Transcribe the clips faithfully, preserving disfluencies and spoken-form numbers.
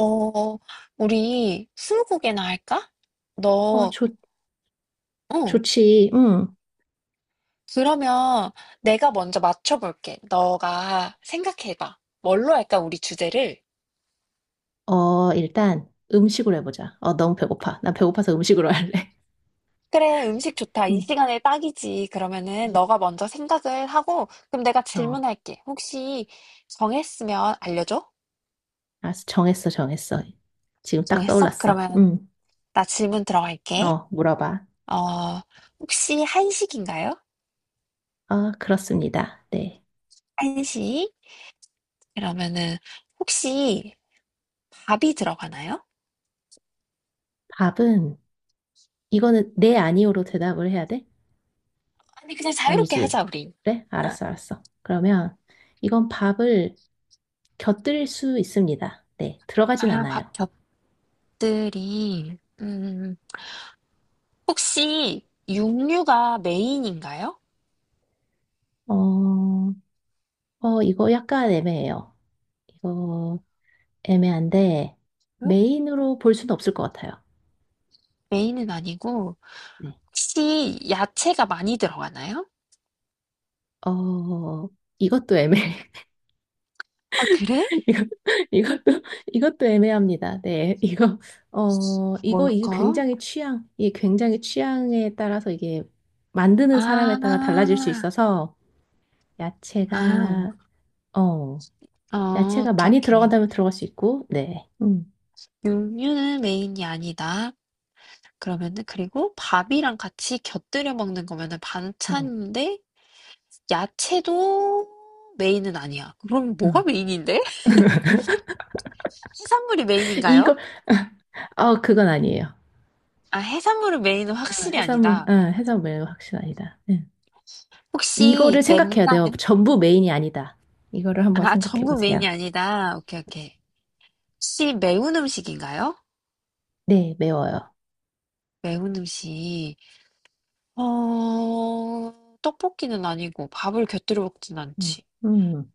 어, 우리 스무고개나 할까? 어, 너, 좋, 응. 좋지. 응. 그러면 내가 먼저 맞춰볼게. 너가 생각해봐. 뭘로 할까, 우리 주제를? 어, 일단 음식으로 해보자. 어, 너무 배고파. 나 배고파서 음식으로 할래. 그래, 음식 좋다. 이 응. 시간에 딱이지. 그러면은 이제 너가 먼저 생각을 하고, 그럼 내가 어, 질문할게. 혹시 정했으면 알려줘? 알았어. 정했어, 정했어. 지금 딱 정했어? 떠올랐어. 그러면 응. 나 질문 들어갈게. 어, 물어봐. 어, 혹시 한식인가요? 아, 그렇습니다. 네. 한식? 그러면은 혹시 밥이 들어가나요? 밥은, 이거는 네, 아니오로 대답을 해야 돼? 아니, 그냥 자유롭게 아니지. 하자, 우리. 그래? 아, 알았어, 알았어. 그러면 이건 밥을 곁들일 수 있습니다. 네. 들어가진 아, 밥 않아요. 겹들이. 음, 음, 음. 혹시 육류가 메인인가요? 어, 어, 이거 약간 애매해요. 이거 애매한데 응? 메인으로 볼 수는 없을 것 같아요. 메인은 아니고, 네. 혹시 야채가 많이 들어가나요? 어, 이것도 애매해. 아, 그래? 이거, 이것도, 이것도 애매합니다. 네. 이거, 어, 이거, 이게 뭘까? 굉장히 취향, 이게 굉장히 취향에 따라서 이게 만드는 아, 사람에 따라 달라질 수 있어서 아, 야채가, 어, 어, 야채가 오케이, 많이 오케이. 들어간다면 들어갈 수 있고, 네. 음, 육류는 메인이 아니다. 그러면은, 그리고 밥이랑 같이 곁들여 먹는 거면은 어, 반찬인데, 야채도 메인은 아니야. 그럼 어. 뭐가 메인인데? 해산물이 메인인가요? 이걸, 어, 그건 아니에요. 아, 해산물은 메인은 어, 확실히 해산물, 아니다. 어, 해산물 확실아니다. 혹시 이거를 생각해야 돼요. 맵나요? 전부 메인이 아니다. 이거를 한번 아, 생각해 전부 보세요. 메인이 아니다. 오케이, 오케이. 혹시 매운 음식인가요? 네, 매워요. 매운 음식. 어, 떡볶이는 아니고 밥을 곁들여 먹진 음, 않지. 음,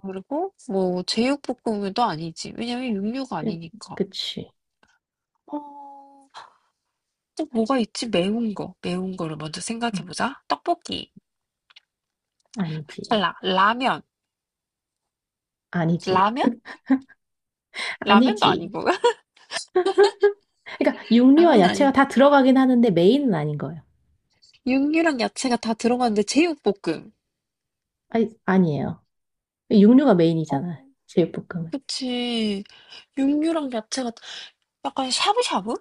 그리고 뭐 제육볶음도 아니지. 왜냐면 육류가 음, 아니니까. 그치. 어, 또 뭐가 있지? 매운 거. 매운 거를 먼저 음. 생각해보자. 떡볶이. 아니지. 라, 라면. 아니지. 라면? 라면도 아니지. 아니고. 그러니까 육류와 라면 야채가 아니고. 다 들어가긴 하는데 메인은 아닌 거예요. 육류랑 야채가 다 들어가는데 제육볶음. 아니, 아니에요. 육류가 어, 메인이잖아. 제육볶음은. 그치. 육류랑 야채가 약간 샤브샤브?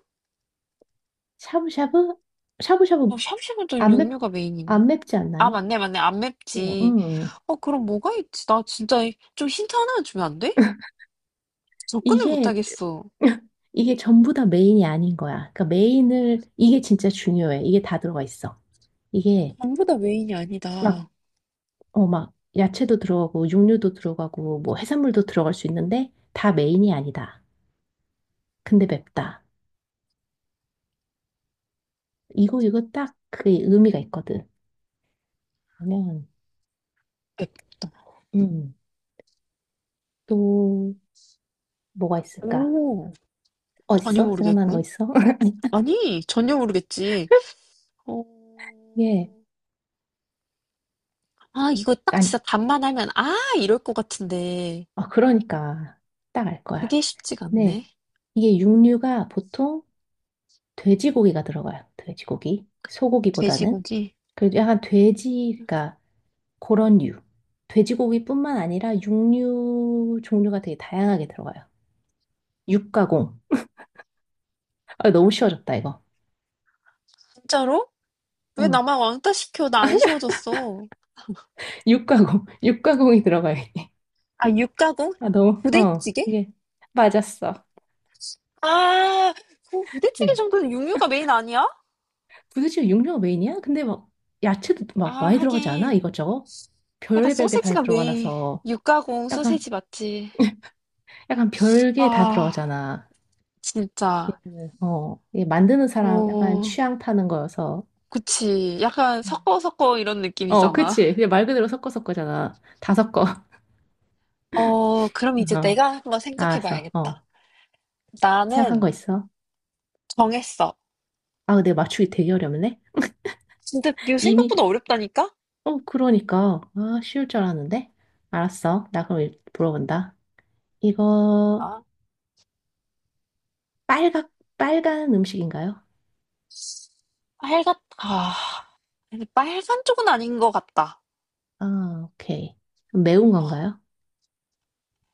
샤브샤브? 샤브샤브. 어, 샤브샤브는 안 맵, 육류가 메인인. 안 맵지 아, 않나요? 맞네, 맞네. 안 어, 맵지. 음. 어, 그럼 뭐가 있지? 나 진짜 좀 힌트 하나 주면 안 돼? 접근을 못 이게 하겠어. 이게 전부 다 메인이 아닌 거야. 그러니까 메인을 이게 진짜 중요해. 이게 다 들어가 있어. 이게 전부 다 메인이 막, 아니다. 어, 막 야채도 들어가고 육류도 들어가고 뭐 해산물도 들어갈 수 있는데 다 메인이 아니다. 근데 맵다. 이거 이거 딱 그게 의미가 있거든. 그러면 맵다. 음, 또 뭐가 있을까? 오, 전혀 어딨어? 생각나는 거 모르겠군. 있어? 아니, 전혀 모르겠지. 어, 예. 아, 이거 딱 아니, 진짜 답만 하면, 아, 이럴 것 같은데. 아, 그러니까 딱 알 거야. 그게 쉽지가 네. 않네. 이게 육류가 보통 돼지고기가 들어가요. 돼지고기. 소고기보다는. 돼지고기. 그래도 약간 돼지가 그런 류. 돼지고기뿐만 아니라 육류 종류가 되게 다양하게 들어가요. 육가공. 아, 너무 쉬워졌다, 이거. 진짜로? 왜 어, 나만 왕따 시켜? 나 안 쉬워졌어. 육가공. 육가공이 들어가요, 이게. 아, 육가공? 아, 너무, 어, 부대찌개? 이게. 맞았어. 아, 그 부대찌개 네. 정도는 육류가 메인 아니야? 부대찌개 육류가 메인이야? 근데 막, 야채도 아, 막 많이 들어가지 않아? 하긴. 이것저것? 약간 별의별 게 다 소세지가 들어가나 메인. 서 육가공 약간, 소세지 맞지? 약간 별게 다 아, 들어가잖아. 진짜. 네. 어, 이 만드는 사람 약간 어, 취향 파는 거여서. 그치. 약간 음. 섞어 섞어 이런 어, 느낌이잖아. 그치. 그냥 말 그대로 섞어서 거잖아. 다 섞어. 어, 그럼 이제 어, 내가 한번 생각해 알았어. 봐야겠다. 어, 생각한 거 나는 있어? 정했어. 아, 근데 맞추기 되게 어렵네. 근데 이거 이미, 생각보다 어렵다니까? 어, 그러니까. 아, 쉬울 줄 알았는데. 알았어. 나 그럼 일- 물어본다. 이거, 아, 빨각, 빨간 음식인가요? 빨갛, 아, 근데 빨간 쪽은 아닌 것 같다. 아, 오케이. 매운 어, 건가요?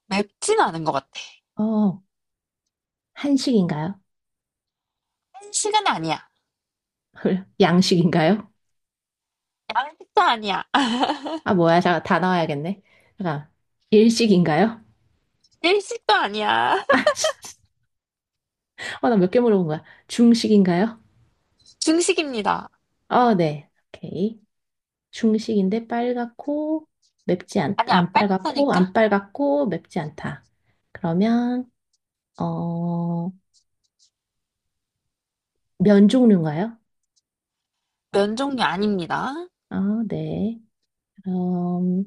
맵진 않은 것 같아. 어, 한식인가요? 한식은 아니야. 양식인가요? 양식도 아니야. 아, 뭐야. 잠깐, 다 나와야겠네. 잠깐, 일식인가요? 일식도 아니야. 아, 씨. 어, 나몇 개 물어본 거야. 중식인가요? 중식입니다. 어, 네. 오케이. 중식인데 빨갛고 맵지 않, 아니, 안 안 빨갛고 안 빨갛다니까? 빨갛고 맵지 않다. 그러면 어, 면 종류인가요? 면 종류 아닙니다. 어, 네. 그럼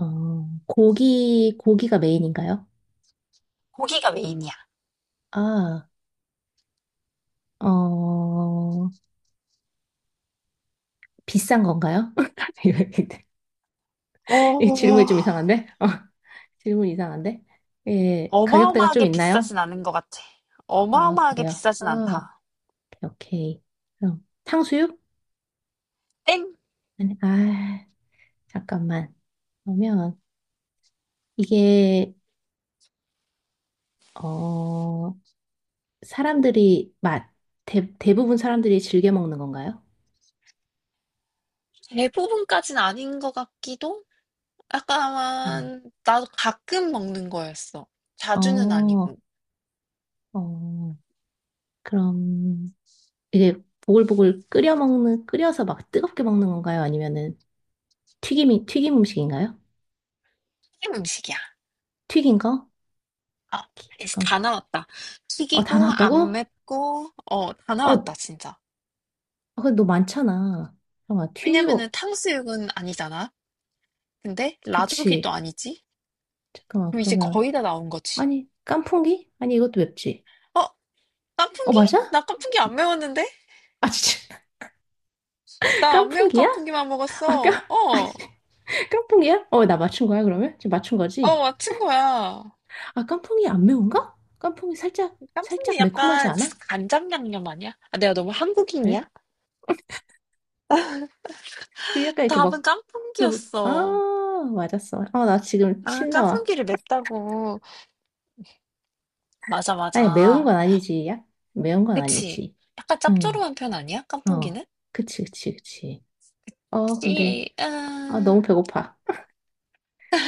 어, 고기 고기가 메인인가요? 고기가 메인이야. 아, 어, 비싼 건가요? 이 어, 질문이 좀 이상한데? 어, 질문 이상한데? 예, 가격대가 좀 어마어마하게 있나요? 비싸진 않은 것 같아. 아, 어마어마하게 그래요? 비싸진 아, 않다. 오케이, 오케이. 그럼 탕수육? 땡! 아니, 아, 잠깐만. 그러면 이게 어 사람들이 맛 대, 대부분 사람들이 즐겨 먹는 건가요? 대부분까진 아닌 것 같기도? 네. 약간, 나도 가끔 먹는 거였어. 자주는 어, 아니고. 어, 그럼 이게 보글보글 끓여 먹는 끓여서 막 뜨겁게 먹는 건가요? 아니면은 튀김이 튀김 음식인가요? 김 음식이야. 튀긴 거? 아, 오케이, 이제 다 잠깐만. 나왔다. 어, 다 튀기고, 안 나왔다고? 맵고, 어, 다 어, 어, 나왔다, 진짜. 근데 너 많잖아. 잠깐만, 왜냐면은 튀기고, 탕수육은 아니잖아. 근데 라조기도 그치. 아니지? 잠깐만, 그럼 이제 그러면. 거의 다 나온 거지. 아니, 깐풍기? 아니, 이것도 맵지. 어, 어, 깐풍기? 맞아? 나 깐풍기 안 매웠는데? 아, 진짜. 나 안 매운 깐풍기야? 깐풍기만 아, 깐, 먹었어. 아, 어, 깐풍기야? 어, 나 맞춘 거야, 그러면? 지금 맞춘 어, 거지? 맞춘 거야. 아, 깐풍이 안 매운가? 깐풍이 살짝, 깐풍기 살짝 매콤하지 약간 않아? 간장 양념 아니야? 아, 내가 너무 예? 한국인이야? 그 약간 이렇게 답은 막, 그, 아, 깐풍기였어. 맞았어. 아, 나 지금 아, 침 나와. 깐풍기를 맵다고. 맞아, 아니, 매운 맞아. 건 아니지, 야? 매운 건 그치? 아니지. 약간 응, 짭조름한 편 아니야? 어. 깐풍기는? 그치, 그치, 그치. 어, 근데, 찌, 아, 아, 너무 배고파.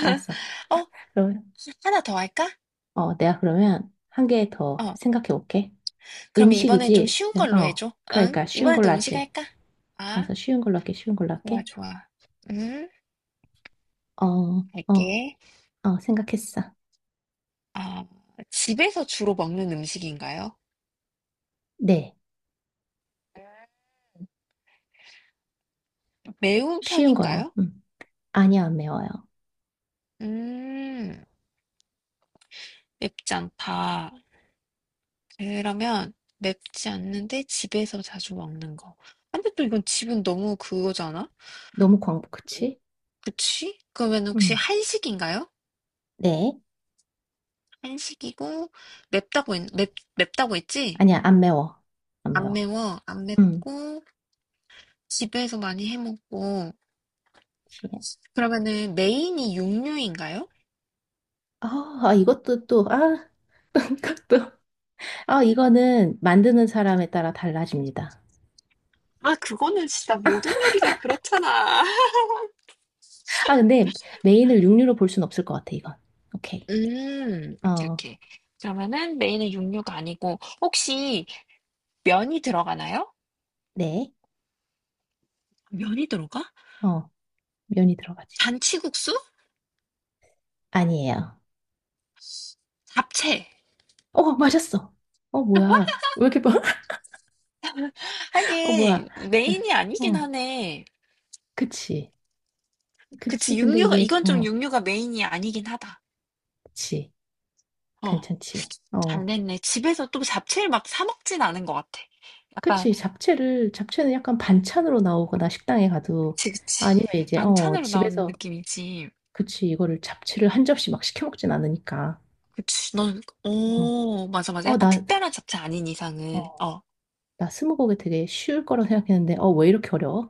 알았어. 어? 그럼 하나 더 할까? 어, 내가 그러면 한 개 더 어, 생각해 볼게. 그럼 이번엔 좀 음식이지? 쉬운 걸로 어, 해줘. 응? 그러니까 쉬운 이번에도 걸로 음식 할게. 할까? 아, 알아서 쉬운 걸로 할게, 쉬운 걸로 좋아, 할게. 좋아. 음, 어, 어, 할게. 어, 생각했어. 아, 집에서 주로 먹는 음식인가요? 네, 매운 쉬운 거야. 편인가요? 음. 아니야, 안 매워요. 음, 맵지 않다. 그러면 맵지 않는데 집에서 자주 먹는 거. 근데 또 이건 집은 너무 그거잖아? 너무 광복, 그치? 그치? 그러면 혹시 음. 한식인가요? 네, 한식이고 맵다고 했, 맵, 맵다고 했지? 아니야, 안 매워. 안 안 매워. 매워, 안 음. 맵고 집에서 많이 해 먹고 그치. 그러면은 메인이 육류인가요? 아, 아, 이것도 또, 아, 이것도. 아, 이거는 만드는 사람에 따라 달라집니다. 아, 그거는 진짜 모든 요리가 그렇잖아. 아, 근데 메인을 육류로 볼 순 없을 것 같아, 이건. 오케이. 음, 오케이, 어, 오케이. 그러면은 메인은 육류가 아니고 혹시 면이 들어가나요? 네. 면이 들어가? 어, 면이 들어가지. 잔치국수? 아니에요. 잡채. 어, 맞았어. 어, 뭐야. 왜 이렇게 봐? 어, 뭐야. 하긴 자, 메인이 아니긴 어, 하네. 그치. 그치. 그치, 근데 육류가 이게, 이건 좀 어, 육류가 메인이 아니긴 하다. 그치. 어. 괜찮지. 잘 어, 됐네. 집에서 또 잡채를 막 사 먹진 않은 것 같아. 약간 그치. 잡채를, 잡채는 약간 반찬으로 나오거나 식당에 가도 그치 그치. 아니면 이제, 어, 반찬으로 나오는 집에서, 느낌이지. 그치. 이거를 잡채를 한 접시 막 시켜 먹진 않으니까. 그치. 넌 어, 오, 맞아 맞아. 어, 약간 나, 특별한 잡채 아닌 이상은. 어, 어. 나 스무고개 되게 쉬울 거라 생각했는데, 어, 왜 이렇게 어려워?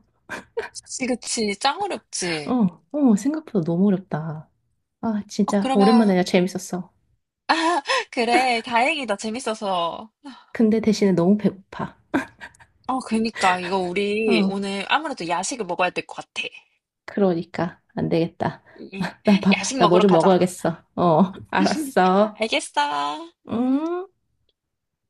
그치 그치. 짱 어렵지. 어, 어, 생각보다 너무 어렵다. 아, 어 진짜 오랜만에 그러면 내가 재밌었어. 그래. 다행이다. 재밌어서. 근데 대신에 너무 배고파. 어 그니까 이거 우리 어, 오늘 아무래도 야식을 먹어야 될 것 같아. 그러니까 안 되겠다. 응, 응. 나 봐, 야식 나 뭐 먹으러 좀 가자. 먹어야겠어. 어, 알았어. 알겠어. 음. 음.